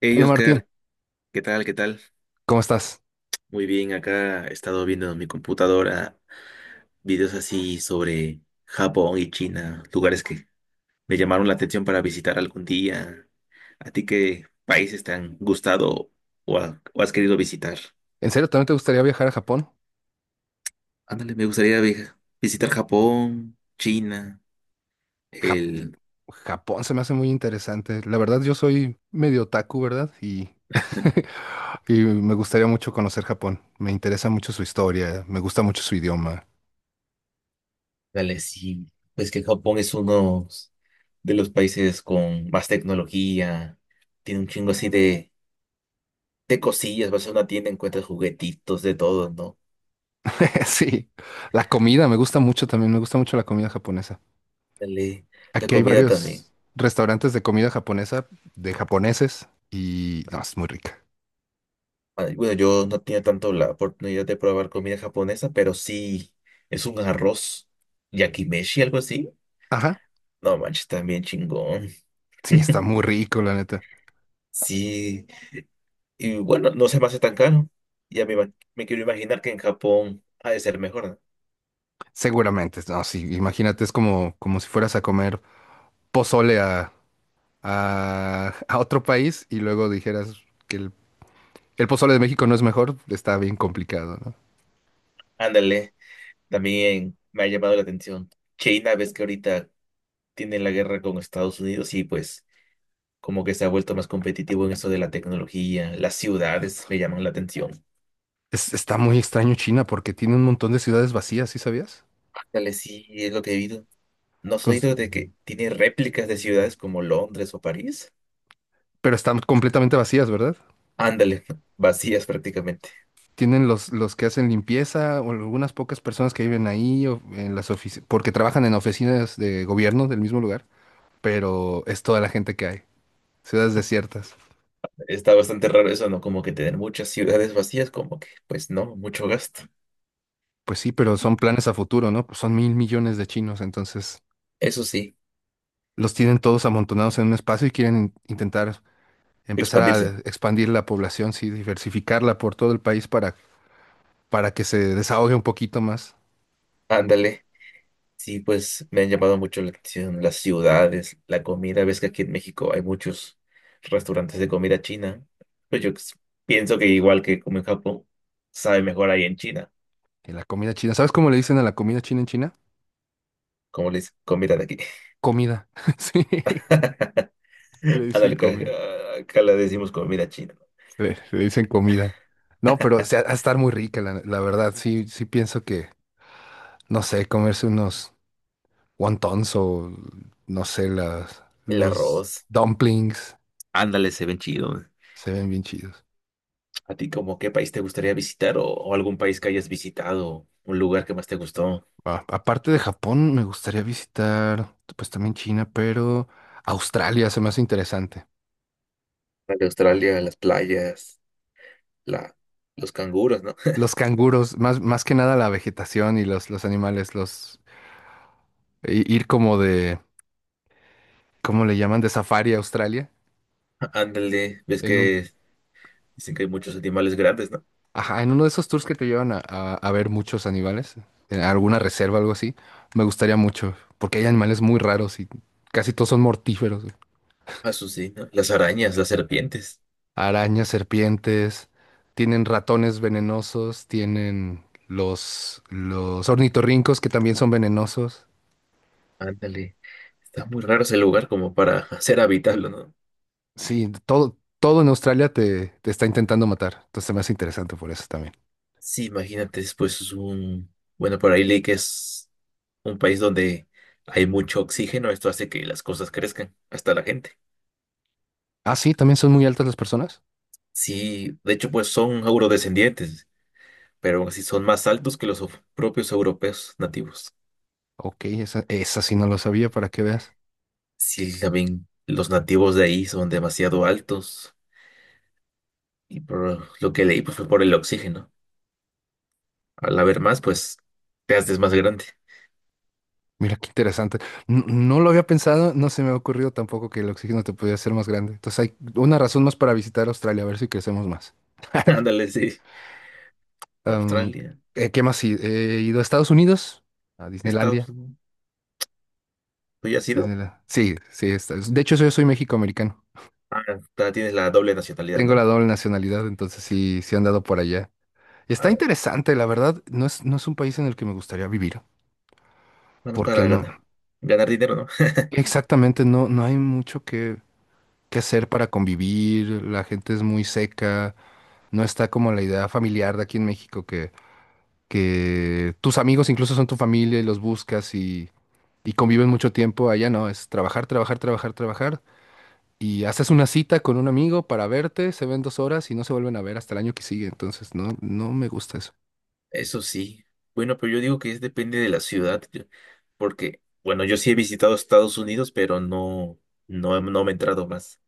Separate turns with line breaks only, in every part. Hey
Bueno, Martín,
Oscar, ¿qué tal?
¿cómo estás?
Muy bien, acá he estado viendo en mi computadora videos así sobre Japón y China, lugares que me llamaron la atención para visitar algún día. ¿A ti qué países te han gustado o, o has querido visitar?
¿En serio también te gustaría viajar a Japón?
Ándale, me gustaría visitar Japón, China,
Ja-
el...
Japón se me hace muy interesante. La verdad, yo soy medio otaku, ¿verdad? Y, y me gustaría mucho conocer Japón. Me interesa mucho su historia, me gusta mucho su idioma.
Dale, sí, pues que Japón es uno de los países con más tecnología, tiene un chingo así de cosillas, vas a una tienda, encuentras juguetitos, de todo, ¿no?
Sí, la comida me gusta mucho también, me gusta mucho la comida japonesa.
Dale, la
Aquí hay
comida también.
varios restaurantes de comida japonesa, de japoneses, y no, es muy rica.
Ah, bueno, yo no tenía tanto la oportunidad de probar comida japonesa, pero sí es un arroz yakimeshi, algo así.
Ajá,
No manches, también chingón.
sí, está muy rico, la neta.
Sí, y bueno, no se me hace tan caro. Me quiero imaginar que en Japón ha de ser mejor, ¿no?
Seguramente, no, sí, imagínate, es como, como si fueras a comer pozole a otro país y luego dijeras que el pozole de México no es mejor, está bien complicado, ¿no?
Ándale, también me ha llamado la atención. China, ves que ahorita tiene la guerra con Estados Unidos y pues como que se ha vuelto más competitivo en eso de la tecnología, las ciudades me llaman la atención.
Está muy extraño China porque tiene un montón de ciudades vacías, ¿sí sabías?
Dale, sí, es lo que he oído. ¿No has
Cons-
oído de que tiene réplicas de ciudades como Londres o París?
pero están completamente vacías, ¿verdad?
Ándale, vacías prácticamente.
Tienen los que hacen limpieza o algunas pocas personas que viven ahí o en las oficinas, porque trabajan en oficinas de gobierno del mismo lugar, pero es toda la gente que hay, ciudades desiertas.
Está bastante raro eso, ¿no? Como que tener muchas ciudades vacías, como que, pues no, mucho gasto.
Pues sí, pero son planes a futuro, ¿no? Pues son 1.000.000.000 de chinos, entonces
Eso sí,
los tienen todos amontonados en un espacio y quieren intentar empezar
expandirse.
a expandir la población, sí, diversificarla por todo el país para que se desahogue un poquito más
Ándale. Sí, pues me han llamado mucho la atención las ciudades, la comida. Ves que aquí en México hay muchos restaurantes de comida china. Pues yo pienso que igual que como en Japón, sabe mejor ahí en China,
en la comida china. ¿Sabes cómo le dicen a la comida china en China?
como les comida de aquí.
Comida. Sí, le dicen
Ándale, acá,
comida.
acá le decimos comida china. ¿No?
Le dicen comida. No, pero o sea, ha de estar muy rica, la verdad. Sí, sí pienso que, no sé, comerse unos wontons o, no sé, las,
El
los
arroz.
dumplings
Ándale, se ven chido.
se ven bien chidos.
¿A ti como qué país te gustaría visitar o algún país que hayas visitado? ¿Un lugar que más te gustó?
Aparte de Japón, me gustaría visitar, pues también China, pero Australia se me hace interesante.
De Australia, las playas, la, los canguros, ¿no?
Los canguros, más, más que nada la vegetación y los animales, los ir como de, ¿cómo le llaman? De safari a Australia,
Ándale, ves
en un,
que dicen que hay muchos animales grandes, ¿no?
ajá, en uno de esos tours que te llevan a, a ver muchos animales, en alguna reserva, algo así. Me gustaría mucho, porque hay animales muy raros y casi todos son mortíferos.
Azucena, las arañas, las serpientes.
Arañas, serpientes, tienen ratones venenosos, tienen los ornitorrincos que también son venenosos.
Ándale. Está muy raro ese lugar como para hacer habitable, ¿no?
Sí, todo, todo en Australia te, te está intentando matar. Entonces se me hace interesante por eso también.
Sí, imagínate, después es un... Bueno, por ahí leí que es un país donde hay mucho oxígeno. Esto hace que las cosas crezcan, hasta la gente.
Ah, sí, también son muy altas las personas.
Sí, de hecho, pues son eurodescendientes, pero aún así son más altos que los propios europeos nativos.
Ok, esa sí no lo sabía, para que veas.
Sí, también los nativos de ahí son demasiado altos. Y por lo que leí, pues fue por el oxígeno. Al haber más, pues te haces más grande.
Mira qué interesante. No, lo había pensado, no se me ha ocurrido tampoco que el oxígeno te pudiera ser más grande. Entonces hay una razón más para visitar Australia, a ver si crecemos más.
Ándale, sí.
Am,
Australia,
¿Qué más? Sí, he ido a Estados Unidos, a Disneylandia.
Estados Unidos. ¿Tú ya has ido?
Disneyland. Sí, sí, de hecho yo soy méxico-americano.
Ah, tienes la doble nacionalidad,
Tengo la
¿no?
doble nacionalidad, entonces sí, sí he andado por allá. Está
Ah,
interesante, la verdad, no es, no es un país en el que me gustaría vivir,
nada más
porque
para
no,
ganar. Ganar dinero, ¿no?
exactamente, no, no hay mucho que hacer para convivir, la gente es muy seca, no está como la idea familiar de aquí en México que tus amigos incluso son tu familia y los buscas y conviven mucho tiempo. Allá no, es trabajar, trabajar, trabajar, trabajar. Y haces una cita con un amigo para verte, se ven 2 horas y no se vuelven a ver hasta el año que sigue. Entonces, no, no me gusta eso.
Eso sí. Bueno, pero yo digo que es depende de la ciudad. Porque, bueno, yo sí he visitado Estados Unidos, pero no me he entrado más.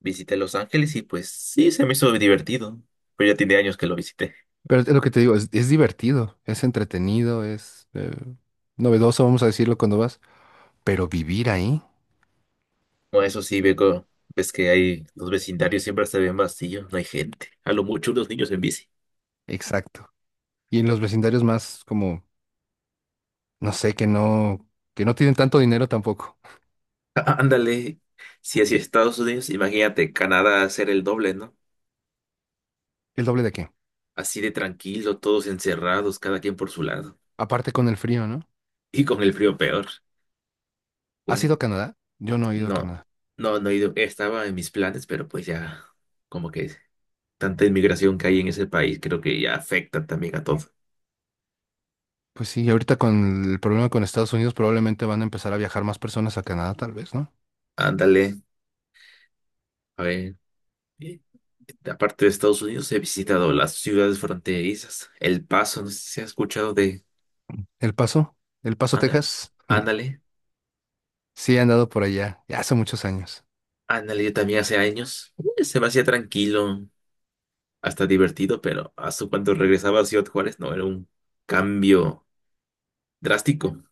Visité Los Ángeles y pues sí, se me hizo divertido. Pero ya tiene años que lo visité.
Pero es lo que te digo, es divertido, es entretenido, es novedoso, vamos a decirlo cuando vas. Pero vivir ahí,
Bueno, eso sí, Beco, ves que hay los vecindarios siempre se ven vacíos, no hay gente. A lo mucho unos niños en bici.
exacto. Y en los vecindarios más como, no sé, que no tienen tanto dinero tampoco.
Ándale, si así Estados Unidos, imagínate Canadá hacer el doble, ¿no?
¿El doble de qué?
Así de tranquilo, todos encerrados, cada quien por su lado.
Aparte con el frío, ¿no?
Y con el frío peor.
¿Has ido a
Bueno,
Canadá? Yo no he ido a
no,
Canadá.
no, no he ido, estaba en mis planes, pero pues ya, como que tanta inmigración que hay en ese país, creo que ya afecta también a todo.
Pues sí, y ahorita con el problema con Estados Unidos probablemente van a empezar a viajar más personas a Canadá, tal vez, ¿no?
Ándale, a ver. Aparte de Estados Unidos, he visitado las ciudades fronterizas. El Paso, no sé si has escuchado de
El Paso, El Paso,
Ana-
Texas,
ándale.
sí he andado por allá, ya hace muchos años.
Ándale, yo también hace años. Se me hacía tranquilo, hasta divertido, pero hasta cuando regresaba a Ciudad Juárez, no, era un cambio drástico.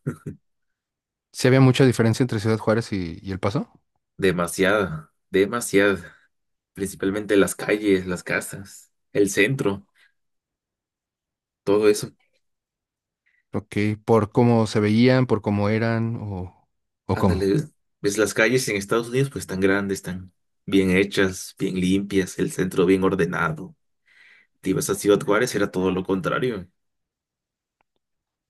Sí había mucha diferencia entre Ciudad Juárez y El Paso,
Demasiada, demasiada. Principalmente las calles, las casas, el centro, todo eso.
ok, por cómo se veían, por cómo eran o cómo.
Ándale, ves las calles en Estados Unidos, pues tan grandes, tan bien hechas, bien limpias, el centro bien ordenado. Te ibas a Ciudad Juárez, era todo lo contrario.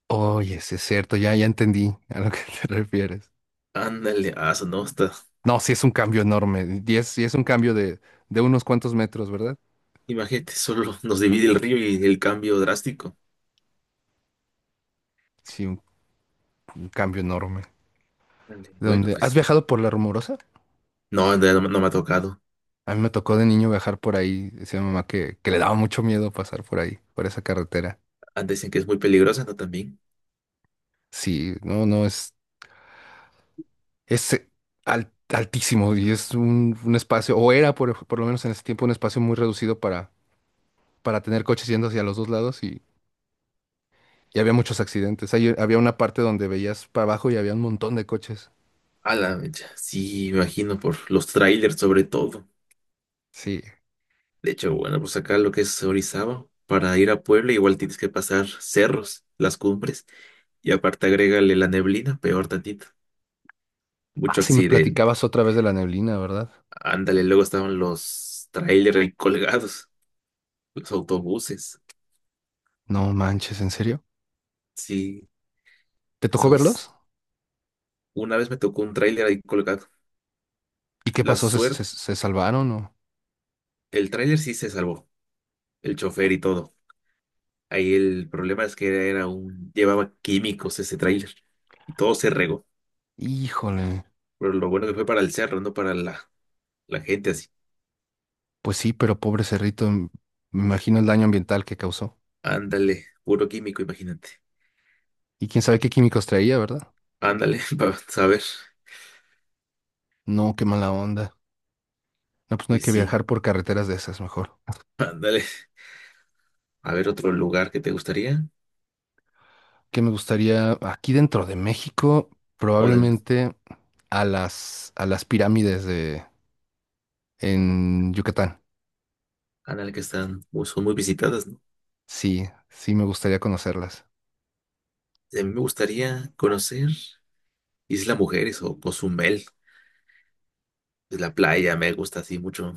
Oye, sí es cierto, ya, ya entendí a lo que te refieres.
Ándale, ah, eso no está.
No, sí es un cambio enorme, y es, sí es un cambio de unos cuantos metros, ¿verdad?
Imagínate, solo nos divide el río y el cambio drástico.
Sí, un cambio enorme.
Ándale, bueno,
¿Dónde? ¿Has
pues,
viajado por La Rumorosa?
no me ha tocado.
A mí me tocó de niño viajar por ahí. Decía mi mamá que le daba mucho miedo pasar por ahí, por esa carretera.
Antes dicen que es muy peligrosa, ¿no? También.
Sí, no, no, es altísimo y es un espacio, o era por lo menos en ese tiempo un espacio muy reducido para tener coches yendo hacia los dos lados y había muchos accidentes. Ahí había una parte donde veías para abajo y había un montón de coches.
A la mecha, sí, me imagino, por los trailers sobre todo.
Sí.
De hecho, bueno, pues acá lo que es Orizaba, para ir a Puebla igual tienes que pasar cerros, las cumbres, y aparte agrégale la neblina, peor tantito.
Ah,
Mucho
sí, me
accidente.
platicabas otra vez de la neblina, ¿verdad?
Ándale, luego estaban los trailers ahí colgados. Los autobuses.
No manches, ¿en serio?
Sí,
¿Te tocó
esos.
verlos?
Una vez me tocó un tráiler ahí colgado.
¿Y qué
La
pasó? ¿Se, se,
suerte,
se salvaron o...?
el tráiler sí se salvó, el chofer y todo. Ahí el problema es que era un, llevaba químicos ese tráiler y todo se regó.
Híjole.
Pero lo bueno que fue para el cerro, no para la, la gente así.
Pues sí, pero pobre cerrito, me imagino el daño ambiental que causó.
Ándale, puro químico, imagínate.
Y quién sabe qué químicos traía, ¿verdad?
Ándale, para saber.
No, qué mala onda. No, pues no hay
Pues
que
sí,
viajar por carreteras de esas, mejor.
ándale. A ver otro lugar que te gustaría
Que me gustaría, aquí dentro de México,
o de
probablemente a las pirámides de, en Yucatán.
ándale que están, pues, son muy visitadas, ¿no?
Sí, sí me gustaría conocerlas.
A mí me gustaría conocer. Isla Mujeres o Cozumel. Es la playa, me gusta así mucho.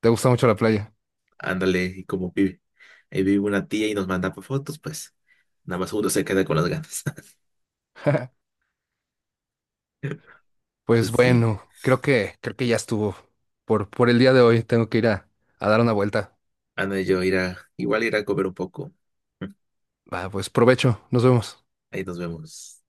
¿Te gusta mucho la playa?
Ándale, y como vive. Ahí vive una tía y nos manda pa' fotos, pues nada más uno se queda con las ganas.
Pues
Pues sí,
bueno, creo que ya estuvo. Por el día de hoy tengo que ir a dar una vuelta.
Ana y yo irá, igual irá a comer un poco.
Va, pues provecho, nos vemos.
Ahí nos vemos.